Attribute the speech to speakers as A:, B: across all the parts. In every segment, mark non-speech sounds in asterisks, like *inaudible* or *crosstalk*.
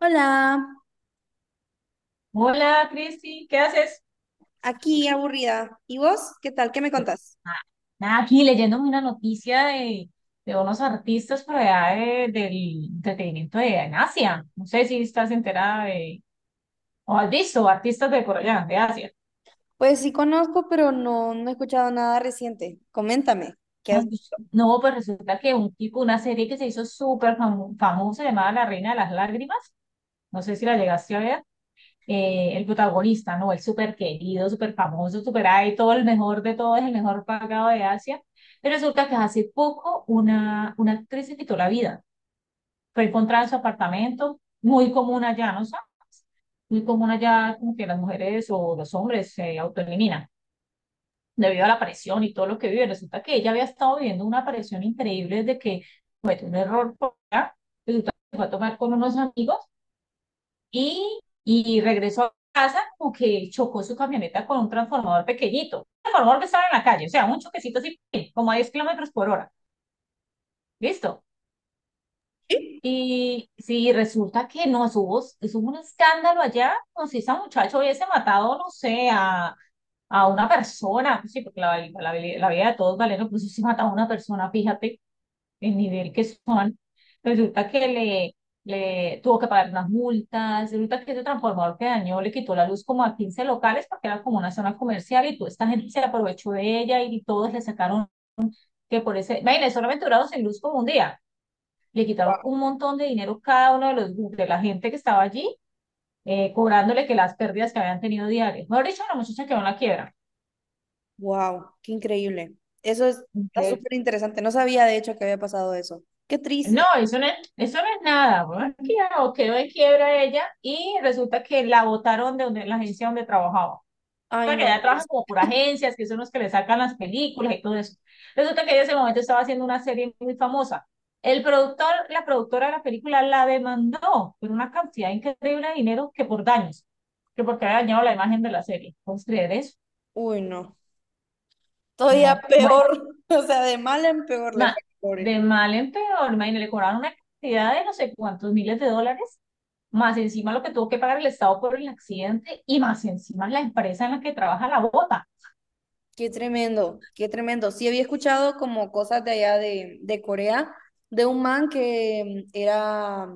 A: Hola.
B: Hola, Cristi, ¿qué haces?
A: Aquí, aburrida. ¿Y vos? ¿Qué tal? ¿Qué me contás?
B: Ah, nada, aquí leyéndome una noticia de unos artistas por allá del entretenimiento de, en Asia. No sé si estás enterada de, o has visto artistas de por allá, de Asia.
A: Pues sí conozco, pero no, no he escuchado nada reciente. Coméntame, qué
B: Ah,
A: es.
B: pues, no, pues resulta que un tipo, una serie que se hizo súper famosa llamada La Reina de las Lágrimas, no sé si la llegaste a ver. El protagonista, ¿no? El súper querido, súper famoso, súper ahí, todo el mejor de todos, el mejor pagado de Asia. Pero resulta que hace poco una actriz se quitó la vida. Fue encontrada en su apartamento, muy común allá, ¿no sabes? Muy común allá, como que las mujeres o los hombres se autoeliminan debido a la presión y todo lo que vive. Resulta que ella había estado viviendo una presión increíble desde que un error por allá, resulta que fue a tomar con unos amigos y regresó a casa como que chocó su camioneta con un transformador pequeñito. El transformador que estaba en la calle, o sea, un choquecito así, como a 10 kilómetros por hora. ¿Listo? Y si resulta que no, eso hubo un escándalo allá, como si ese muchacho hubiese matado, no sé, a una persona, pues sí, porque la vida de todos vale, no, pues si se mataba a una persona, fíjate, el nivel que son, resulta que le tuvo que pagar unas multas, resulta que ese transformador que dañó le quitó la luz como a 15 locales porque era como una zona comercial y toda esta gente se aprovechó de ella y todos le sacaron que por ese, imagínense, solamente duraron sin luz como un día, le quitaron un montón de dinero cada uno de los de la gente que estaba allí, cobrándole que las pérdidas que habían tenido diarias. Mejor dicho, la muchacha quedó en la quiebra.
A: Wow, qué increíble. Eso es... está
B: Ok,
A: súper interesante. No sabía de hecho que había pasado eso. Qué
B: no,
A: triste.
B: eso no es nada. Bueno, es que ya, no, quedó en quiebra ella y resulta que la botaron de donde, la agencia donde trabajaba. O
A: Ay,
B: sea, que
A: no,
B: ella
A: pero
B: trabaja
A: es...
B: como por agencias, que son los que le sacan las películas y todo eso. Resulta que ella en ese momento estaba haciendo una serie muy famosa. El productor, la productora de la película la demandó por una cantidad increíble de dinero que por daños, que porque había dañado la imagen de la serie. ¿Puedes creer eso?
A: uy, no. Todavía
B: No, bueno.
A: peor, *laughs* o sea, de mal en peor le
B: ma-
A: fue al pobre.
B: de mal en peor, imagínate, le cobraron una cantidad de no sé cuántos miles de dólares, más encima lo que tuvo que pagar el Estado por el accidente y más encima la empresa en la que trabaja la bota.
A: Qué tremendo, qué tremendo. Sí había escuchado como cosas de allá de Corea, de un man que era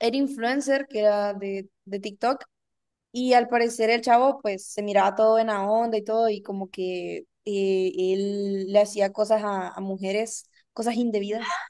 A: era influencer, que era de TikTok, y al parecer el chavo pues se miraba todo en la onda y todo, y como que él le hacía cosas a mujeres, cosas indebidas,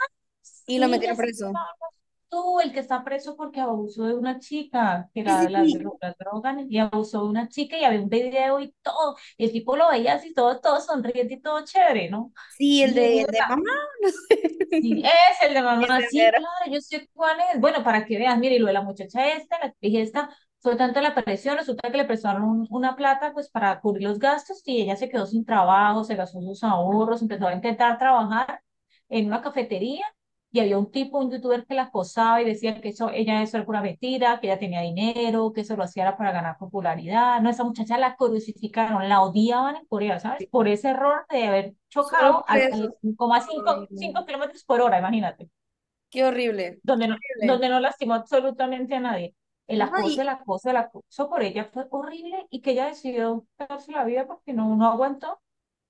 A: y lo
B: Sí,
A: metieron
B: ya sé
A: preso.
B: cómo hablas tú, el que está preso porque abusó de una chica, que
A: Sí,
B: era de
A: sí,
B: las,
A: sí,
B: las drogas, y abusó de una chica y había un video y todo, y el tipo lo veía así, todo, todo sonriente y todo chévere, ¿no?
A: sí,
B: Sí, es
A: el de mamá, *laughs* no sé,
B: Sí, es el de
A: ese
B: mamá. Sí,
A: mero.
B: claro, yo sé cuál es. Bueno, para que veas, mire, y lo de la muchacha esta, la dije esta, fue tanto la presión, resulta que le prestaron una plata pues para cubrir los gastos y ella se quedó sin trabajo, se gastó sus ahorros, empezó a intentar trabajar en una cafetería y había un tipo, un youtuber que la acosaba y decía que eso, ella eso era una mentira, que ella tenía dinero, que eso lo hacía para ganar popularidad. No, esa muchacha la crucificaron, la odiaban en Corea, ¿sabes? Por ese error de haber
A: Solo
B: chocado
A: por
B: a
A: eso.
B: cinco
A: Ay, no.
B: 5 kilómetros por hora, imagínate,
A: Qué horrible, qué horrible.
B: donde no lastimó absolutamente a nadie. El
A: No,
B: acoso, el
A: y
B: acoso, el acoso por ella fue horrible y que ella decidió darse la vida porque no, no aguantó.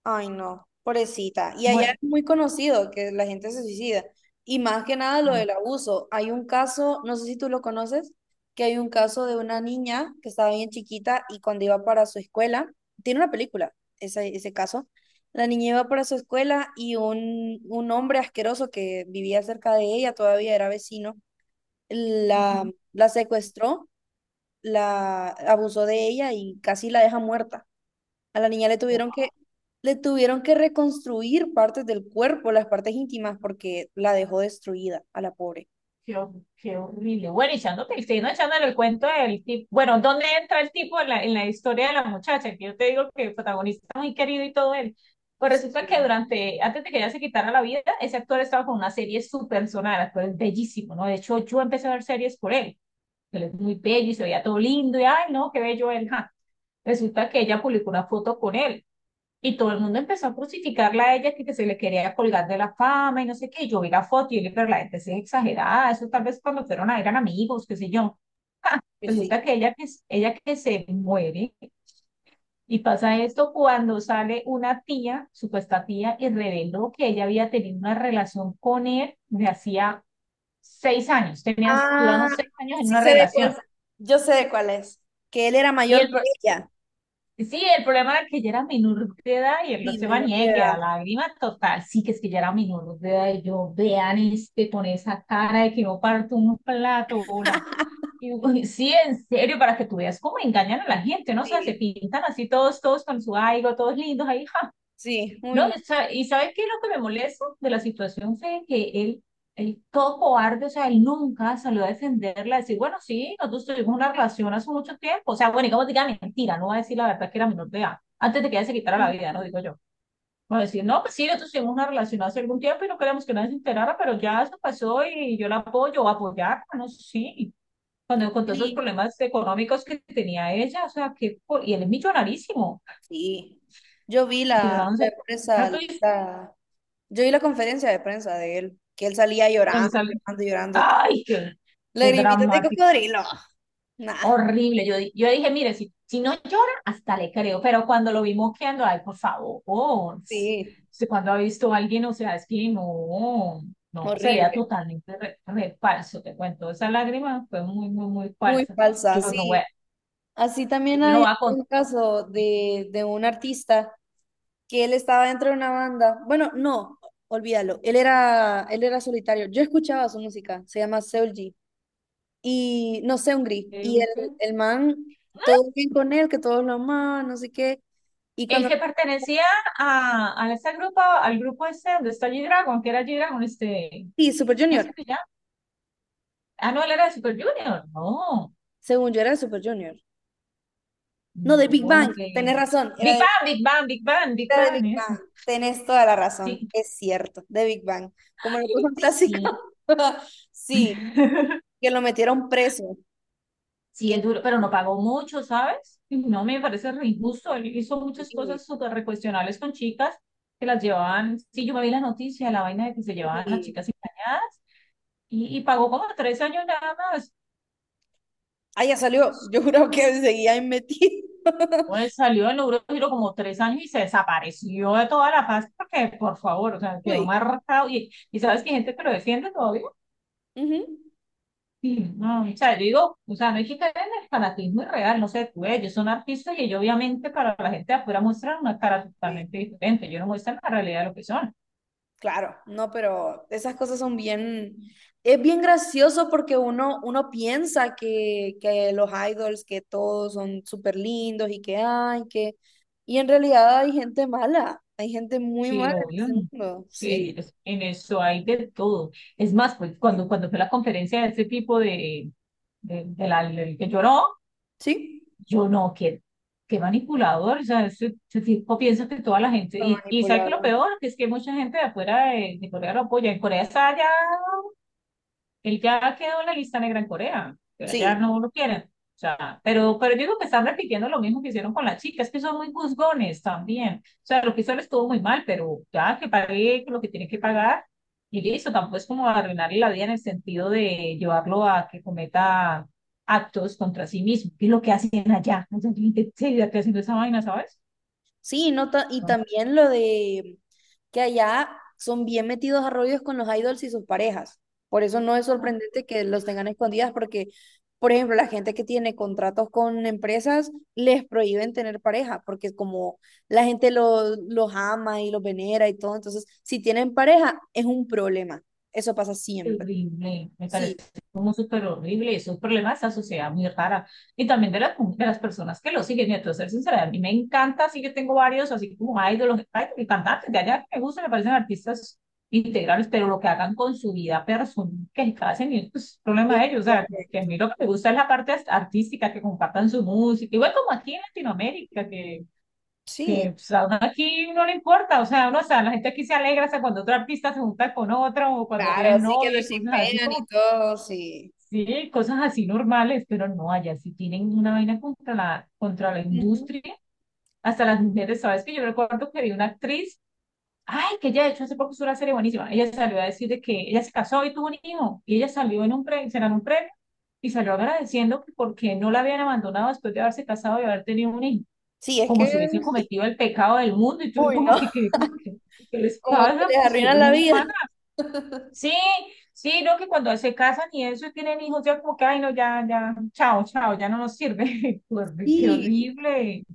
A: ay, no, pobrecita. Y allá es
B: Bueno,
A: muy conocido que la gente se suicida. Y más que nada lo
B: sí,
A: del abuso. Hay un caso, no sé si tú lo conoces, que hay un caso de una niña que estaba bien chiquita y cuando iba para su escuela, tiene una película, ese caso. La niña iba para su escuela y un hombre asqueroso que vivía cerca de ella, todavía era vecino, la,
B: no,
A: la secuestró, la abusó de ella y casi la deja muerta. A la niña le tuvieron que reconstruir partes del cuerpo, las partes íntimas, porque la dejó destruida a la pobre.
B: qué, qué horrible. Bueno, y echándote, y siguiendo echándole el cuento del tipo. Bueno, ¿dónde entra el tipo en la historia de la muchacha? Que yo te digo que el protagonista es muy querido y todo él. Pues resulta que
A: Sí.
B: durante, antes de que ella se quitara la vida, ese actor estaba con una serie súper sonada, actor es bellísimo, ¿no? De hecho, yo empecé a ver series por él. Él es muy bello y se veía todo lindo y, ay, no, qué bello él. Ja. Resulta que ella publicó una foto con él y todo el mundo empezó a crucificarla a ella, que se le quería colgar de la fama y no sé qué. Y yo vi la foto y yo le dije, pero la gente sí es exagerada. Eso tal vez cuando fueron a eran amigos, qué sé yo.
A: Pues sí.
B: Resulta que ella, que ella que se muere y pasa esto cuando sale una tía, supuesta tía, y reveló que ella había tenido una relación con él de hacía 6 años. Tenían, duraron
A: Ah,
B: 6 años en
A: sí
B: una
A: sé de
B: relación.
A: cuál. Yo sé de cuál es. Que él era
B: Y
A: mayor
B: el
A: que ella.
B: sí, el problema era que ella era menor de edad y él no
A: Sí,
B: se va
A: menor de
B: niegue a
A: edad.
B: la lágrima total. Sí, que es que ella era menor de edad y yo, vean este, con esa cara de que no parto un plato, hola. Y yo: "Uy, sí, en serio, para que tú veas cómo engañan a la gente, ¿no? O sea, se
A: Sí.
B: pintan así todos, todos con su algo, todos lindos ahí, ja,
A: Sí, uy,
B: no,
A: no.
B: o sea, y ¿sabes qué es lo que me molesta de la situación? Fue que él todo cobarde, o sea, él nunca salió a defenderla, a decir, bueno, sí, nosotros tuvimos una relación hace mucho tiempo, o sea, bueno, y como diga mentira, no va a decir la verdad que era menor de edad, antes de que ella se quitara la vida,
A: Mm,
B: no digo yo. Va a decir, no, pues sí, nosotros tuvimos una relación hace algún tiempo y no queríamos que nadie se enterara, pero ya eso pasó y yo la apoyo, o apoyar, no sé, sí. Cuando con todos esos
A: sí.
B: problemas económicos que tenía ella, o sea, que, y él es millonarísimo,
A: Sí. Yo vi
B: y yo
A: la,
B: no
A: la
B: sé,
A: prensa,
B: entonces,
A: la, yo vi la conferencia de prensa de él, que él salía
B: donde
A: llorando,
B: sale
A: llorando, llorando.
B: ay, qué, qué
A: Lagrimitas de
B: dramático,
A: cocodrilo. Nah,
B: horrible. Yo, yo dije, mire, si, si no llora, hasta le creo, pero cuando lo vi moqueando, ay, por favor,
A: sí.
B: usted cuando ha visto a alguien, o sea, es que no, no, se veía
A: Horrible.
B: totalmente re falso, te cuento, esa lágrima fue muy, muy, muy
A: Muy
B: falsa.
A: falsa,
B: Yo no voy
A: sí.
B: a,
A: Así también
B: yo no
A: hay
B: voy a contar.
A: un caso de un artista que él estaba dentro de una banda. Bueno, no, olvídalo. Él era solitario. Yo escuchaba su música, se llama Seul G. Y no sé, un gris.
B: ¿Qué
A: Y
B: dulce?
A: el man, todo bien con él, que todos lo amaban, no sé qué. Y
B: El
A: cuando.
B: que pertenecía a ese grupo, al grupo este donde está G-Dragon, que era G-Dragon, este,
A: Sí, Super
B: ¿cómo se
A: Junior.
B: llama? Ah, no, él era de Super Junior, no.
A: Según yo era de Super Junior. No, de Big
B: No,
A: Bang. Tenés razón, era
B: Big
A: de
B: Bang, Big Bang, Big Bang, Big
A: la de Big
B: Bang, eso.
A: Bang. Tenés toda la razón,
B: Sí,
A: es cierto, de Big Bang. Como lo puso un clásico.
B: sí.
A: *laughs* Sí,
B: *laughs*
A: que lo metieron preso.
B: Sí,
A: Que
B: es duro, pero no pagó mucho, ¿sabes? Y no me parece re injusto. Él hizo muchas
A: increíble.
B: cosas súper recuestionables con chicas que las llevaban. Sí, yo me vi la noticia, la vaina de que se llevaban las
A: Sí.
B: chicas engañadas y pagó como 3 años nada más.
A: Ah, ya salió. Yo juro que seguía ahí metido. *laughs*
B: Pues salió en Eurogiro como 3 años y se desapareció de toda la paz porque, por favor, o sea, quedó
A: Uy.
B: marcado. Y sabes que hay gente que lo defiende todavía.
A: Ujú.
B: Sí, no, o sea, yo digo, o sea, no hay que caer en el fanatismo irreal, no sé, tú, ellos son artistas y ellos obviamente para la gente de afuera muestran una cara totalmente diferente, ellos no muestran la realidad de lo que son,
A: Claro, no, pero esas cosas son bien, es bien gracioso porque uno, uno piensa que los idols, que todos son súper lindos y que hay, que... y en realidad hay gente mala, hay gente muy
B: sí,
A: mala en
B: obvio,
A: este
B: no.
A: mundo,
B: Sí, en
A: sí,
B: en eso hay de todo, es más, pues cuando, cuando fue la conferencia de ese tipo de la, del que lloró,
A: sí,
B: yo no, qué, qué manipulador, o sea, ese tipo piensa que toda la gente,
A: pero
B: y ¿sabes qué es lo
A: manipulada,
B: peor? Que es que mucha gente de afuera de Corea lo apoya, en Corea está allá. Él ya quedó en la lista negra en Corea, que allá
A: sí.
B: no lo quieren. O sea, pero yo digo que están repitiendo lo mismo que hicieron con las chicas, que son muy juzgones también. O sea, lo que hizo él estuvo muy mal, pero ya que pague lo que tiene que pagar y listo, tampoco es como arruinarle la vida en el sentido de llevarlo a que cometa actos contra sí mismo, que es lo que hacen allá. Entonces, yo, ¿en serio, ya haciendo esa vaina, ¿sabes?
A: Sí, no ta- y también lo de que allá son bien metidos a rollos con los idols y sus parejas. Por eso no es sorprendente que los tengan escondidas, porque, por ejemplo, la gente que tiene contratos con empresas les prohíben tener pareja, porque como la gente lo- los ama y los venera y todo, entonces si tienen pareja es un problema. Eso pasa siempre.
B: Horrible, me parece
A: Sí,
B: como súper horrible, esos problema de esta sociedad muy rara y también de las personas que lo siguen. Y a ser sincera, a mí me encanta, sí que tengo varios, así como ídolos, y cantantes de allá que me gustan, me parecen artistas integrales, pero lo que hagan con su vida personal, que hacen, es pues, es problema
A: es
B: de ellos. O sea, como que a
A: correcto.
B: mí lo que me gusta es la parte artística, que compartan su música, igual como aquí en Latinoamérica,
A: Sí.
B: que pues, a uno aquí no le importa, o sea, uno, o sea, la gente aquí se alegra, o sea, cuando otro artista se junta con otro, o cuando
A: Claro,
B: tienen
A: así que
B: novia
A: lo
B: y cosas así,
A: shipean y
B: como,
A: todo, sí.
B: sí, cosas así normales, pero no, allá si tienen una vaina contra la
A: Ujú.
B: industria, hasta las mujeres, ¿sabes? Que yo recuerdo que vi una actriz, ay, que ella de hecho hace poco hizo una serie buenísima, ella salió a decir de que ella se casó y tuvo un hijo, y ella salió en un premio, se ganó un premio, y salió agradeciendo que porque no la habían abandonado después de haberse casado y haber tenido un hijo
A: Sí, es
B: como
A: que...
B: si hubiesen cometido el pecado del mundo, y tú
A: uy,
B: como
A: no.
B: que, ¿qué les
A: Como que
B: pasa?
A: les
B: Pues si
A: arruinan
B: ellos
A: la
B: son
A: vida.
B: humanos.
A: *laughs*
B: Sí, sí, no, que cuando se casan y eso y tienen hijos, ya como que, ay, no, ya, ya, chao, chao, ya no nos sirve. *laughs* Qué
A: Y,
B: horrible.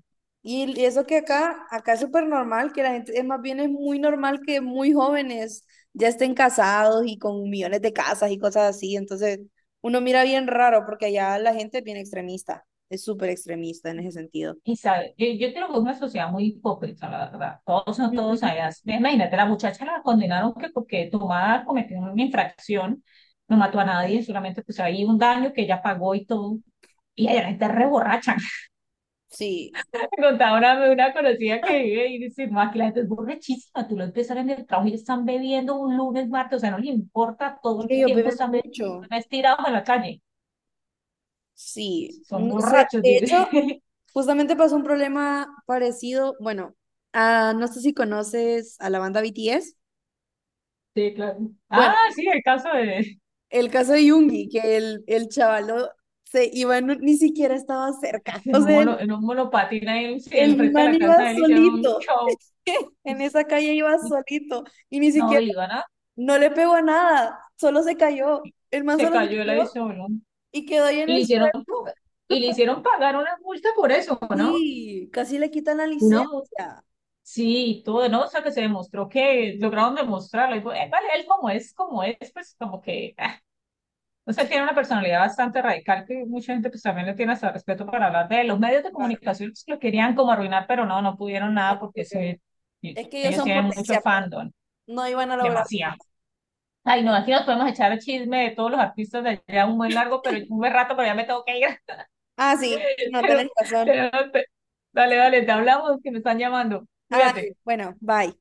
A: y eso que acá, acá es súper normal, que la gente, es más bien es muy normal que muy jóvenes ya estén casados y con millones de casas y cosas así. Entonces, uno mira bien raro porque allá la gente es bien extremista, es súper extremista en ese sentido.
B: Y sabe, yo creo que es una sociedad muy hipócrita, la verdad. Todos son todos
A: Ujú.
B: allá. Imagínate, la muchacha la condenaron que porque tomada cometió una infracción, no mató a nadie, solamente pues ahí un daño que ella pagó y todo. Y allá la gente es re borracha.
A: Sí,
B: Me contaba una conocida que vive y dice, no, aquí la gente es borrachísima, tú lo empezaron en el trabajo y están bebiendo un lunes, martes, o sea, no le importa, todo
A: es que
B: el
A: ellos
B: tiempo
A: beben
B: están bebiendo,
A: mucho.
B: están estirados en la calle,
A: Sí,
B: son
A: no sé.
B: borrachos,
A: De hecho,
B: dice.
A: justamente pasó un problema parecido. Bueno, ah, no sé si conoces a la banda BTS.
B: *laughs* Sí, claro. Ah,
A: Bueno,
B: sí, el caso
A: el caso de Yungi, que el chavalo se iba, no- ni siquiera estaba cerca. *laughs*
B: de un
A: O sea,
B: mono, en un monopatín ahí en
A: el
B: el de
A: man
B: la
A: iba
B: casa de él hicieron un
A: solito.
B: show.
A: *laughs* En esa calle iba solito. Y ni
B: No,
A: siquiera,
B: y le iban a-
A: no le pegó a nada. Solo se cayó. El man
B: se
A: solo se
B: cayó el
A: cayó
B: avión.
A: y quedó ahí en
B: Y le
A: el
B: hicieron,
A: suelo.
B: y le hicieron pagar una multa por eso, ¿no?
A: Sí, casi le quitan la licencia.
B: Una sí, y todo, ¿no? O sea, que se demostró que lograron demostrarlo. Y, fue, vale, él como es, pues como que, ah. O sea,
A: Sí,
B: él tiene una personalidad bastante radical que mucha gente pues también le tiene hasta respeto para hablar de él. Los medios de
A: claro.
B: comunicación pues, lo querían como arruinar, pero no, no pudieron
A: No
B: nada
A: lo
B: porque
A: pudieron.
B: se, y
A: Es que ellos
B: ellos
A: son
B: tienen mucho
A: potencia, pro.
B: fandom,
A: No iban a lograrlo.
B: demasiado. Ay, no, aquí nos podemos echar el chisme de todos los artistas de allá un buen largo, pero un buen rato, pero ya me tengo que ir.
A: Ah, sí, sí,
B: *laughs*
A: no, tenés razón.
B: Pero, dale, dale, te hablamos que me están llamando.
A: Ah,
B: Cuídate.
A: dale. Bueno, bye.